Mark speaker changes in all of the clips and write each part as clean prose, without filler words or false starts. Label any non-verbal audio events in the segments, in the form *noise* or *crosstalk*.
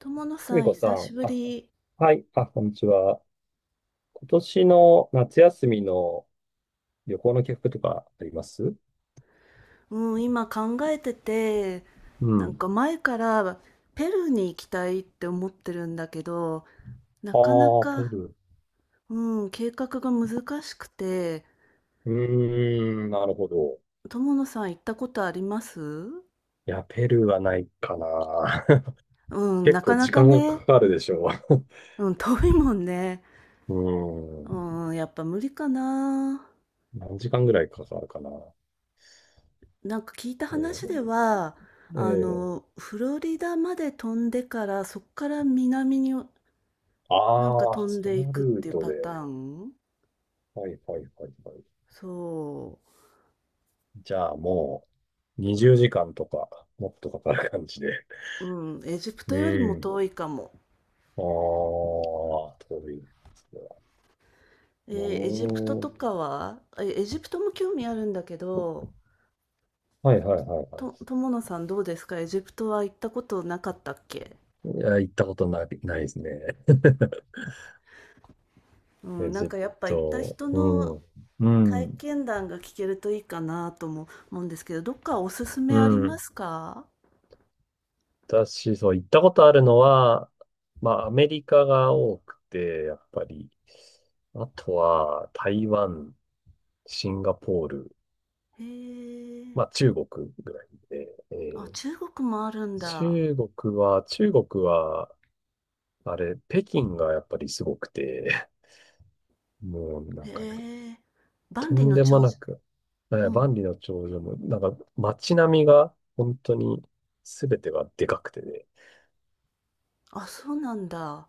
Speaker 1: 友野
Speaker 2: す
Speaker 1: さ
Speaker 2: み
Speaker 1: ん、
Speaker 2: こさ
Speaker 1: 久し
Speaker 2: ん、
Speaker 1: ぶ
Speaker 2: あ、
Speaker 1: り。
Speaker 2: はい、あ、こんにちは。今年の夏休みの旅行の計画とかあります？
Speaker 1: うん、今考えてて、
Speaker 2: う
Speaker 1: なん
Speaker 2: ん。
Speaker 1: か前からペルーに行きたいって思ってるんだけど、なかな
Speaker 2: ああ、ペ
Speaker 1: か、
Speaker 2: ルー。
Speaker 1: うん、計画が難しくて、
Speaker 2: うーん、なるほど。
Speaker 1: 友野さん行ったことあります？
Speaker 2: いや、ペルーはないかな。*laughs*
Speaker 1: うん、
Speaker 2: 結
Speaker 1: な
Speaker 2: 構
Speaker 1: かな
Speaker 2: 時
Speaker 1: か
Speaker 2: 間が
Speaker 1: ね、
Speaker 2: かかるでしょう。
Speaker 1: うん、遠いもんね。
Speaker 2: *laughs* うーん、
Speaker 1: うん、やっぱ無理かな。
Speaker 2: 何時間ぐらいかかるかな。
Speaker 1: なんか聞いた話で
Speaker 2: う
Speaker 1: は、
Speaker 2: ん、
Speaker 1: あ
Speaker 2: ええ、
Speaker 1: の、フロリダまで飛んでから、そっから南になんか
Speaker 2: ああ
Speaker 1: 飛
Speaker 2: ー、
Speaker 1: ん
Speaker 2: そ
Speaker 1: でい
Speaker 2: の
Speaker 1: くっ
Speaker 2: ルー
Speaker 1: ていう
Speaker 2: ト
Speaker 1: パ
Speaker 2: で。
Speaker 1: ターン。
Speaker 2: はい、はい、はい、はい。
Speaker 1: そ
Speaker 2: じゃあもう20時間とか、もっとかかる感じで。
Speaker 1: う、うん、エジプト
Speaker 2: う
Speaker 1: よりも
Speaker 2: ん、
Speaker 1: 遠いかも。
Speaker 2: ああ、遠いね。それは。う
Speaker 1: エジプト
Speaker 2: ー
Speaker 1: と
Speaker 2: ん。
Speaker 1: かは、エジプトも興味あるんだけど、
Speaker 2: はいはいはいは
Speaker 1: 友野さんどうですか？エジプトは行ったことなかったっけ？
Speaker 2: い。いや、行ったことない、ないですね。
Speaker 1: う
Speaker 2: *laughs* エ
Speaker 1: ん、なん
Speaker 2: ジプ
Speaker 1: かやっぱ行った
Speaker 2: ト。
Speaker 1: 人
Speaker 2: う
Speaker 1: の
Speaker 2: ん。う
Speaker 1: 体
Speaker 2: ん。
Speaker 1: 験談が聞けるといいかなとも思うんですけど、どっかおすす
Speaker 2: う
Speaker 1: めありま
Speaker 2: ん。
Speaker 1: すか？
Speaker 2: 私、そう、行ったことあるのは、まあ、アメリカが多くて、やっぱり。あとは、台湾、シンガポール、
Speaker 1: へえ、
Speaker 2: まあ、中国ぐらいで、
Speaker 1: あ、中国もあるんだ。
Speaker 2: 中国は、中国は、あれ、北京がやっぱりすごくて、もうなん
Speaker 1: へ
Speaker 2: かね、
Speaker 1: え、
Speaker 2: と
Speaker 1: 万里
Speaker 2: ん
Speaker 1: の
Speaker 2: でも
Speaker 1: 長
Speaker 2: な
Speaker 1: 城、
Speaker 2: く、
Speaker 1: うん、
Speaker 2: 万里の長城も、なんか街並みが本当に全てがでかくてね、
Speaker 1: あ、そうなんだ。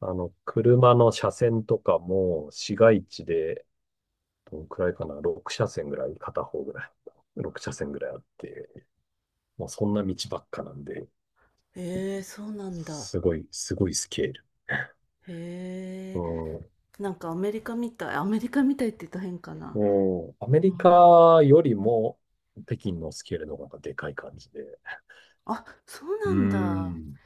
Speaker 2: あの、車の車線とかも市街地で、どのくらいかな、6車線ぐらい、片方ぐらい、6車線ぐらいあって、もうそんな道ばっかなんで、
Speaker 1: へえ、そうなんだ。
Speaker 2: すごい、すごいスケール。う
Speaker 1: へえ、
Speaker 2: ん。
Speaker 1: なんかアメリカみたいって言ったら変かな。
Speaker 2: もう、アメ
Speaker 1: うん、
Speaker 2: リカよりも北京のスケールの方がでかい感じで。
Speaker 1: あ、そう
Speaker 2: うー
Speaker 1: なんだ。
Speaker 2: ん。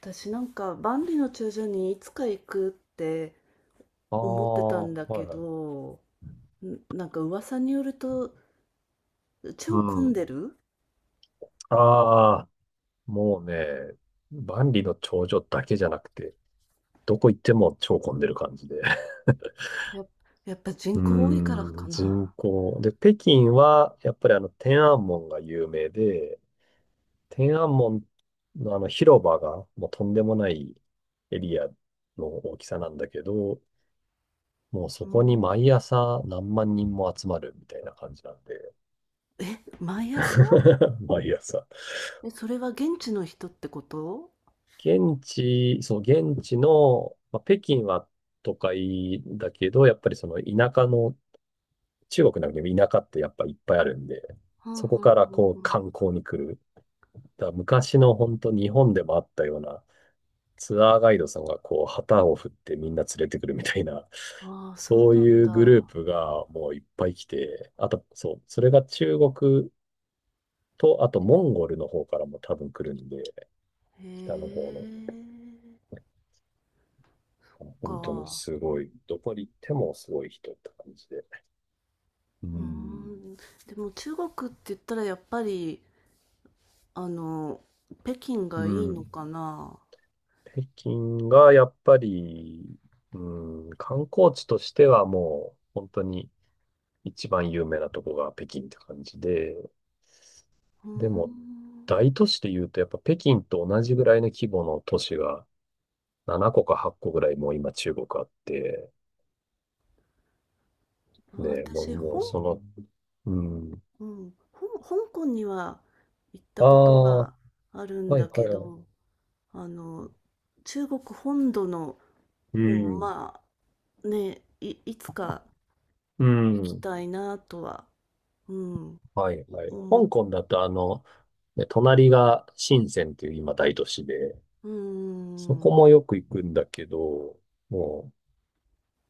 Speaker 1: 私なんか万里の長城にいつか行くって
Speaker 2: あ
Speaker 1: 思ってた
Speaker 2: あ、は
Speaker 1: んだ
Speaker 2: い
Speaker 1: け
Speaker 2: はい。
Speaker 1: ど、なんか噂によると
Speaker 2: う
Speaker 1: 超混ん
Speaker 2: ん。
Speaker 1: でる？
Speaker 2: ああ、もうね、万里の長城だけじゃなくて、どこ行っても超混んでる感じで。*laughs*
Speaker 1: や、やっぱ
Speaker 2: う
Speaker 1: 人口多いから
Speaker 2: ー
Speaker 1: か
Speaker 2: ん、人
Speaker 1: な。
Speaker 2: 口。で、北京は、やっぱりあの、天安門が有名で、天安門のあの広場が、もうとんでもないエリアの大きさなんだけど、もうそ
Speaker 1: う
Speaker 2: こに
Speaker 1: ん。
Speaker 2: 毎朝何万人も集まるみたいな感じなんで、
Speaker 1: え、毎朝？
Speaker 2: *laughs* 毎朝。
Speaker 1: え、それは現地の人ってこと？
Speaker 2: 現地、そう、現地の、まあ、北京は都会だけど、やっぱりその田舎の中国なんかでも田舎ってやっぱいっぱいあるんで、
Speaker 1: はん
Speaker 2: そ
Speaker 1: は
Speaker 2: こか
Speaker 1: ん
Speaker 2: ら
Speaker 1: はん
Speaker 2: こう観光に来る。だから昔の本当日本でもあったようなツアーガイドさんがこう旗を振ってみんな連れてくるみたいな、
Speaker 1: はん。ああ、そう
Speaker 2: そう
Speaker 1: なん
Speaker 2: いうグルー
Speaker 1: だ。
Speaker 2: プがもういっぱい来て、あとそう、それが中国と、あとモンゴルの方からも多分来るんで、
Speaker 1: へ
Speaker 2: 北の方の。
Speaker 1: え、
Speaker 2: 本当に
Speaker 1: か。
Speaker 2: すごい、どこに行ってもすごい人って感じで。う
Speaker 1: うー
Speaker 2: ん。
Speaker 1: ん、でも中国って言ったらやっぱり、あの、北京が
Speaker 2: う
Speaker 1: いいの
Speaker 2: ん。
Speaker 1: かな。
Speaker 2: 北京がやっぱり、うん、観光地としてはもう本当に一番有名なとこが北京って感じで、
Speaker 1: うー
Speaker 2: でも
Speaker 1: ん、
Speaker 2: 大都市で言うとやっぱ北京と同じぐらいの規模の都市が7個か8個ぐらいもう今中国あって、ね、もう、
Speaker 1: 私、
Speaker 2: もうその、うん、
Speaker 1: うん、香港には行った
Speaker 2: あ
Speaker 1: こと
Speaker 2: あ、は
Speaker 1: があるんだ
Speaker 2: いは
Speaker 1: け
Speaker 2: いはい。
Speaker 1: ど、あの、中国本土の、
Speaker 2: うん、
Speaker 1: まあ、ね、いつか
Speaker 2: う
Speaker 1: 行き
Speaker 2: ん、
Speaker 1: たいなとは、うん、
Speaker 2: はいはい。
Speaker 1: 思う。
Speaker 2: 香港だとあの、ね、隣が深センっていう今大都市で、
Speaker 1: うー
Speaker 2: そこ
Speaker 1: ん。
Speaker 2: もよく行くんだけど、も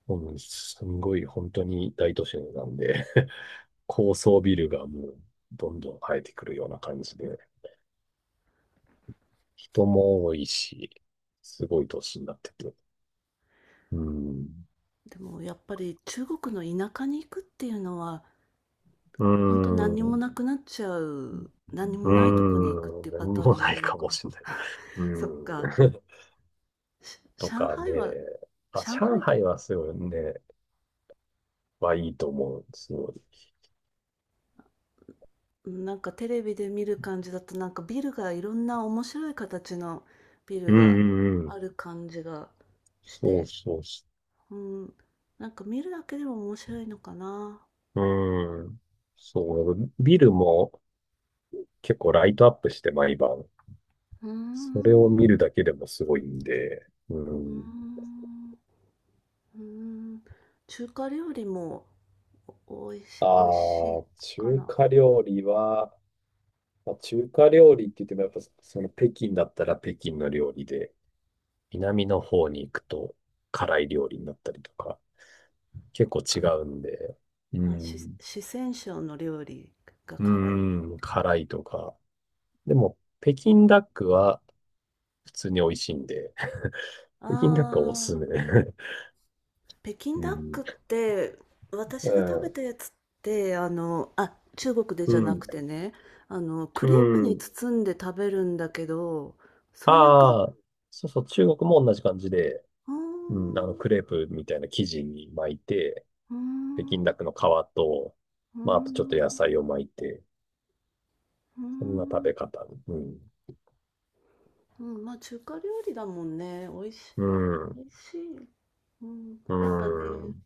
Speaker 2: う、うん、すんごい本当に大都市なんで *laughs* 高層ビルがもうどんどん生えてくるような感じで、人も多いし、すごい都市になってて。うん。
Speaker 1: でもやっぱり中国の田舎に行くっていうのは、
Speaker 2: う
Speaker 1: ほんと何
Speaker 2: ん。
Speaker 1: に
Speaker 2: う
Speaker 1: もな
Speaker 2: ん。
Speaker 1: くなっちゃう、何にもなういとこにくっていう
Speaker 2: 何
Speaker 1: パターン
Speaker 2: も
Speaker 1: にな
Speaker 2: ない
Speaker 1: るの
Speaker 2: か
Speaker 1: か
Speaker 2: も
Speaker 1: な。
Speaker 2: しれない。
Speaker 1: *laughs*
Speaker 2: うん。
Speaker 1: そっか、
Speaker 2: *laughs* と
Speaker 1: 上
Speaker 2: か
Speaker 1: 海
Speaker 2: ね。
Speaker 1: は。
Speaker 2: あ、
Speaker 1: 上
Speaker 2: 上
Speaker 1: 海と、
Speaker 2: 海はすごいね、はいいと思う。すごい。
Speaker 1: なんかテレビで見る感じだと、なんかビルがいろんな面白い形のビル
Speaker 2: うん
Speaker 1: が
Speaker 2: うんうん。
Speaker 1: ある感じがし
Speaker 2: そう
Speaker 1: て、
Speaker 2: そう、
Speaker 1: うん、なんか見るだけでも面白いのかな。
Speaker 2: うん。そう、ビルも結構ライトアップして毎晩。
Speaker 1: うー
Speaker 2: それを
Speaker 1: ん、
Speaker 2: 見るだけでもすごいんで。う
Speaker 1: う。うー
Speaker 2: ん。
Speaker 1: ん、うーん。中華料理もお、おいし、おいし
Speaker 2: あ
Speaker 1: い
Speaker 2: あ、
Speaker 1: か
Speaker 2: 中
Speaker 1: な。
Speaker 2: 華料理は、まあ、中華料理って言ってもやっぱその北京だったら北京の料理で、南の方に行くと辛い料理になったりとか、結
Speaker 1: そっ
Speaker 2: 構違
Speaker 1: か。
Speaker 2: うんで、う
Speaker 1: あ、
Speaker 2: ん、
Speaker 1: 四川省の料理が
Speaker 2: う
Speaker 1: 辛い料
Speaker 2: ん、
Speaker 1: 理か。
Speaker 2: 辛いとか。でも、北京ダックは普通に美味しいんで、*laughs*
Speaker 1: あ
Speaker 2: 北京ダックはおすす
Speaker 1: あ、
Speaker 2: め。*laughs*
Speaker 1: 北京
Speaker 2: う
Speaker 1: ダック
Speaker 2: ん、
Speaker 1: って、
Speaker 2: え
Speaker 1: 私が食べ
Speaker 2: え、
Speaker 1: たやつって、あの、あ、中国で
Speaker 2: う
Speaker 1: じゃな
Speaker 2: ん、
Speaker 1: くてね、あの、ク
Speaker 2: う
Speaker 1: レープに
Speaker 2: ん。
Speaker 1: 包んで食べるんだけど、そういうか、
Speaker 2: ああ、そうそう、中国も同じ感じで、
Speaker 1: うー
Speaker 2: うん、あの、
Speaker 1: ん、
Speaker 2: クレープみたいな生地に巻いて、
Speaker 1: うー
Speaker 2: 北京
Speaker 1: ん、
Speaker 2: ダッ
Speaker 1: う
Speaker 2: クの皮と、
Speaker 1: ー
Speaker 2: まあ、あとちょっと
Speaker 1: ん、う
Speaker 2: 野菜を巻いて、
Speaker 1: ー
Speaker 2: そんな食べ
Speaker 1: ん、
Speaker 2: 方。うん、
Speaker 1: うん、まあ中華料理だもんね。美味しい、
Speaker 2: う
Speaker 1: 美
Speaker 2: ん、
Speaker 1: 味しい。うん、
Speaker 2: う
Speaker 1: やっぱね、
Speaker 2: ん、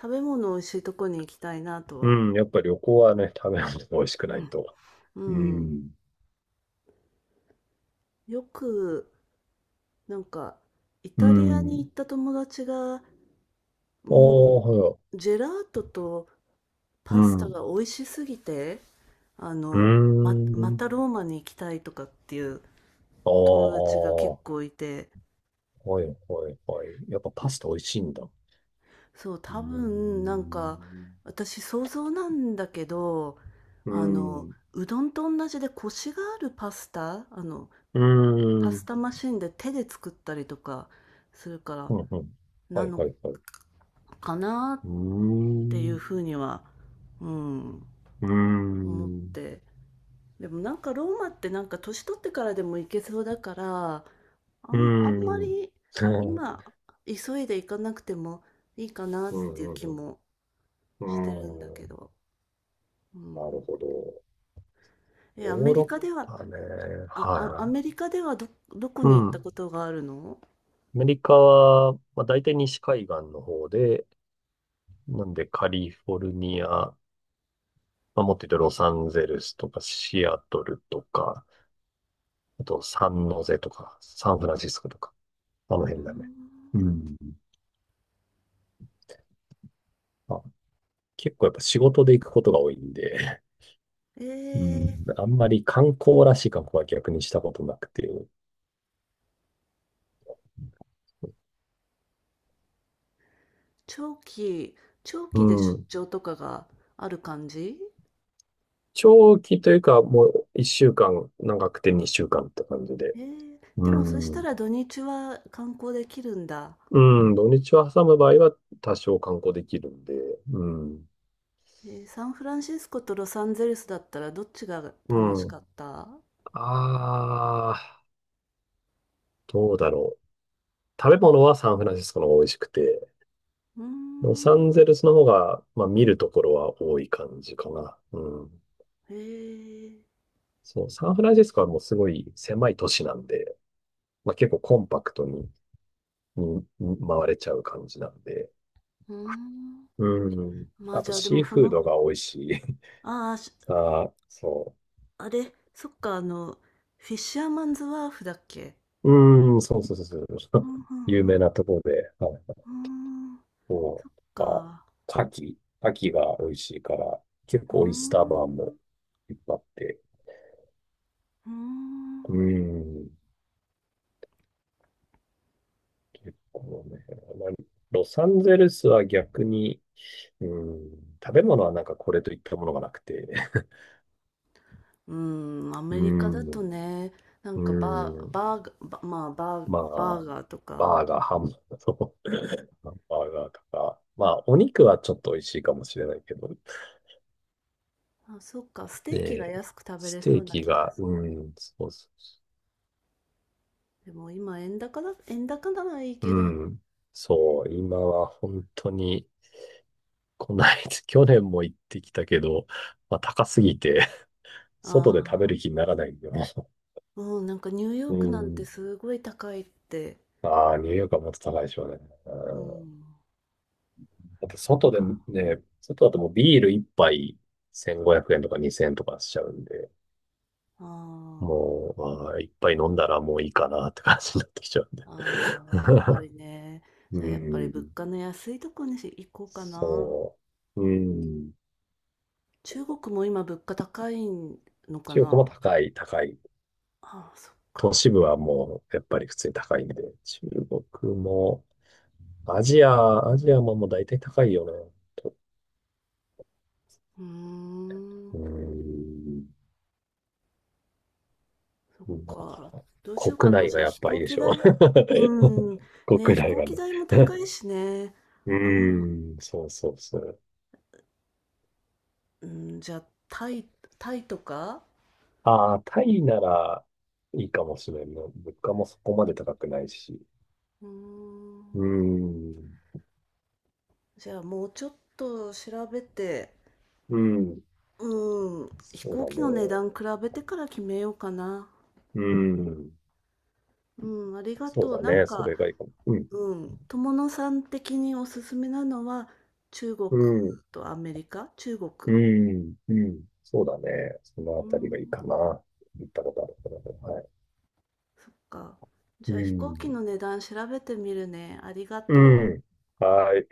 Speaker 1: 食べ物美味しいとこに行きたいなとは。
Speaker 2: うん、やっぱり旅行はね、食べ物が美味しくないと。
Speaker 1: う
Speaker 2: う
Speaker 1: ん。うん、
Speaker 2: ん、
Speaker 1: よく、なんか、イ
Speaker 2: う
Speaker 1: タリアに
Speaker 2: ん。
Speaker 1: 行った友達が、も
Speaker 2: お
Speaker 1: う、
Speaker 2: ー、はい。
Speaker 1: ジェラートと
Speaker 2: う
Speaker 1: パス
Speaker 2: ん、
Speaker 1: タ
Speaker 2: う
Speaker 1: が美味しすぎて、あ
Speaker 2: ー
Speaker 1: の、ま
Speaker 2: ん。
Speaker 1: たローマに行きたいとかっていう
Speaker 2: あ
Speaker 1: 友
Speaker 2: あ、
Speaker 1: 達が結
Speaker 2: は
Speaker 1: 構いて、
Speaker 2: い、はい、はい。やっぱパスタ美味しいんだ。う
Speaker 1: そう、多分、なんか、
Speaker 2: ん
Speaker 1: 私想像なんだけど、
Speaker 2: う
Speaker 1: あの、
Speaker 2: ん。う
Speaker 1: うどんと同じでコシがあるパスタ、あの、
Speaker 2: ー
Speaker 1: パス
Speaker 2: ん。
Speaker 1: タマシンで手で作ったりとかするから、
Speaker 2: うんうん。は
Speaker 1: な
Speaker 2: い
Speaker 1: の
Speaker 2: はいはい。う
Speaker 1: かな
Speaker 2: ー
Speaker 1: っていう
Speaker 2: ん。
Speaker 1: ふうには、うん、
Speaker 2: うー
Speaker 1: 思っ
Speaker 2: ん。
Speaker 1: て。でもなんかローマってなんか年取ってからでも行けそうだから、
Speaker 2: うー
Speaker 1: あんま
Speaker 2: ん。
Speaker 1: り
Speaker 2: うん
Speaker 1: 今急いで行かなくてもいいかなっ
Speaker 2: う
Speaker 1: ていう気
Speaker 2: ん
Speaker 1: も
Speaker 2: う
Speaker 1: してるん
Speaker 2: ん。
Speaker 1: だ
Speaker 2: うー
Speaker 1: け
Speaker 2: ん。
Speaker 1: ど。う
Speaker 2: なる
Speaker 1: ん。
Speaker 2: ほど。
Speaker 1: え、
Speaker 2: ヨ
Speaker 1: アメ
Speaker 2: ー
Speaker 1: リ
Speaker 2: ロ
Speaker 1: カでは、
Speaker 2: ッパね。
Speaker 1: あ、あ、ア
Speaker 2: はい。
Speaker 1: メリカではど、どこ
Speaker 2: う
Speaker 1: に行っ
Speaker 2: ん。
Speaker 1: たこ
Speaker 2: ア
Speaker 1: とがあるの？
Speaker 2: メリカは、まあ、大体西海岸の方で、なんでカリフォルニア、まあ、もっと言うとロサンゼルスとかシアトルとか、あとサンノゼとか、サンフランシスコとか、あ
Speaker 1: うー
Speaker 2: の辺だね。う
Speaker 1: ん。
Speaker 2: ん、あ結構やっぱ仕事で行くことが多いんで、
Speaker 1: え
Speaker 2: うん、
Speaker 1: ー、
Speaker 2: あんまり観光らしい観光は逆にしたことなくて、
Speaker 1: 長期、長
Speaker 2: う
Speaker 1: 期で出
Speaker 2: ん。
Speaker 1: 張とかがある感じ？
Speaker 2: 長期というか、もう一週間、長くて二週間って感じで。
Speaker 1: ええ、で
Speaker 2: う
Speaker 1: もそした
Speaker 2: ん。
Speaker 1: ら土日は観光できるんだ。
Speaker 2: うん、土日を挟む場合は多少観光できるんで。うん。
Speaker 1: サンフランシスコとロサンゼルスだったらどっちが
Speaker 2: う
Speaker 1: 楽し
Speaker 2: ん。
Speaker 1: かった？
Speaker 2: ああ、どうだろう。食べ物はサンフランシスコの方が美味しくて、
Speaker 1: うー
Speaker 2: ロサン
Speaker 1: ん。
Speaker 2: ゼルスの方が、まあ、見るところは多い感じかな。うん。
Speaker 1: ええ、
Speaker 2: そう、サンフランシスコはもうすごい狭い都市なんで、まあ、結構コンパクトに、に回れちゃう感じなんで。
Speaker 1: うーん。
Speaker 2: うん。
Speaker 1: まあ
Speaker 2: あ
Speaker 1: じ
Speaker 2: と、
Speaker 1: ゃあで
Speaker 2: シ
Speaker 1: も
Speaker 2: ー
Speaker 1: そ
Speaker 2: フー
Speaker 1: の、
Speaker 2: ドが美味しい。*laughs*
Speaker 1: ああ、
Speaker 2: さあ、そ
Speaker 1: あれ、そっか、あの、フィッシャーマンズワーフだっけ？
Speaker 2: う。うん、そうそうそうそ
Speaker 1: う
Speaker 2: う。
Speaker 1: ん、う
Speaker 2: *laughs* 有
Speaker 1: ん、う
Speaker 2: 名
Speaker 1: ん。
Speaker 2: なところで、はい。
Speaker 1: うーん、
Speaker 2: そ
Speaker 1: そっ
Speaker 2: う、あ、
Speaker 1: か。
Speaker 2: 牡蠣。牡蠣が美味しいから、結
Speaker 1: うー
Speaker 2: 構オイスター
Speaker 1: ん、
Speaker 2: バーもいっぱいあって。
Speaker 1: うー
Speaker 2: う
Speaker 1: ん。
Speaker 2: ん。結構ね、まあ、ロサンゼルスは逆に、うん、食べ物はなんかこれといったものがなくて、
Speaker 1: うん、ア
Speaker 2: *laughs* う
Speaker 1: メリカだと
Speaker 2: ん、
Speaker 1: ね、なん
Speaker 2: う
Speaker 1: かバー、
Speaker 2: ん、
Speaker 1: バーガー、バまあバー、
Speaker 2: ま
Speaker 1: バー
Speaker 2: あ、
Speaker 1: ガーとか、
Speaker 2: バーガー、ハンバーガー、*laughs* バーガーとか、まあ、お肉はちょっと美味しいかもしれないけど、
Speaker 1: あ、そっか、ステーキが
Speaker 2: で、
Speaker 1: 安く食べ
Speaker 2: ス
Speaker 1: れそ
Speaker 2: テー
Speaker 1: うな
Speaker 2: キ
Speaker 1: 気が
Speaker 2: が、
Speaker 1: する。
Speaker 2: うん、そうそ
Speaker 1: でも今円高だ、円高ならいい
Speaker 2: う、
Speaker 1: けど、
Speaker 2: うん、そう、今は本当に、こないだ、去年も行ってきたけど、まあ、高すぎて、外で食べ
Speaker 1: ああ、
Speaker 2: る気にならないよね。
Speaker 1: うん、なんかニューヨー
Speaker 2: う
Speaker 1: クなんて
Speaker 2: ん、
Speaker 1: すごい高いって、
Speaker 2: ああ、ニューヨークはもっと高いでしょうね。う
Speaker 1: う
Speaker 2: ん。だ
Speaker 1: ん、
Speaker 2: って
Speaker 1: そっ
Speaker 2: 外で
Speaker 1: か、
Speaker 2: ね、外だともうビール一杯1500円とか2000円とかしちゃうんで、
Speaker 1: あ
Speaker 2: もう、ああ、一杯飲んだらもういいかなって感じになってきちゃうんで。
Speaker 1: あ、ああ、やっぱりね、
Speaker 2: *laughs* う
Speaker 1: それやっぱり
Speaker 2: ん。
Speaker 1: 物価の安いとこに行こうかな。
Speaker 2: そう。うん。
Speaker 1: 中国も今物価高いのか
Speaker 2: 中国も
Speaker 1: な。
Speaker 2: 高い、高い。
Speaker 1: ああ、そっ
Speaker 2: 都
Speaker 1: か。
Speaker 2: 市部はもう、やっぱり普通に高いんで、中国も、アジアももう大体高いよね。と、
Speaker 1: うー
Speaker 2: う
Speaker 1: ん、
Speaker 2: ん。
Speaker 1: そっ
Speaker 2: だか
Speaker 1: か。
Speaker 2: ら、
Speaker 1: どうしようか
Speaker 2: 国
Speaker 1: な。
Speaker 2: 内
Speaker 1: じ
Speaker 2: が
Speaker 1: ゃあ
Speaker 2: やっ
Speaker 1: 飛
Speaker 2: ぱい
Speaker 1: 行
Speaker 2: いで
Speaker 1: 機
Speaker 2: しょ。
Speaker 1: 代。うん。
Speaker 2: *laughs*
Speaker 1: ね、
Speaker 2: 国
Speaker 1: 飛
Speaker 2: 内
Speaker 1: 行
Speaker 2: は
Speaker 1: 機
Speaker 2: ね。
Speaker 1: 代も高
Speaker 2: *laughs*
Speaker 1: いしね。
Speaker 2: う
Speaker 1: あん、
Speaker 2: ーん、そうそうそう。
Speaker 1: うん、じゃあタイ、タイとか？
Speaker 2: ああ、タイならいいかもしれんな。物価もそこまで高くないし。
Speaker 1: うーん。
Speaker 2: うーん、
Speaker 1: じゃあもうちょっと調べて、
Speaker 2: うん、
Speaker 1: うん、飛
Speaker 2: そう
Speaker 1: 行
Speaker 2: だ
Speaker 1: 機
Speaker 2: ね。
Speaker 1: の値段比べてから決めようかな。
Speaker 2: うん、
Speaker 1: うん、ありが
Speaker 2: そう
Speaker 1: とう。
Speaker 2: だ
Speaker 1: なん
Speaker 2: ね。そ
Speaker 1: か、
Speaker 2: れがいいかも。うん、
Speaker 1: うん、友野さん的におすすめなのは中国
Speaker 2: うん、
Speaker 1: とアメリカ、中国。
Speaker 2: うん、うん。そうだね。そのあ
Speaker 1: う
Speaker 2: たりがいい
Speaker 1: ん、
Speaker 2: かな。行ったことあるからね。はい。
Speaker 1: そっか。
Speaker 2: う
Speaker 1: じゃあ飛行
Speaker 2: ん、
Speaker 1: 機の値段調べてみるね。ありが
Speaker 2: う
Speaker 1: とう
Speaker 2: ん。はい。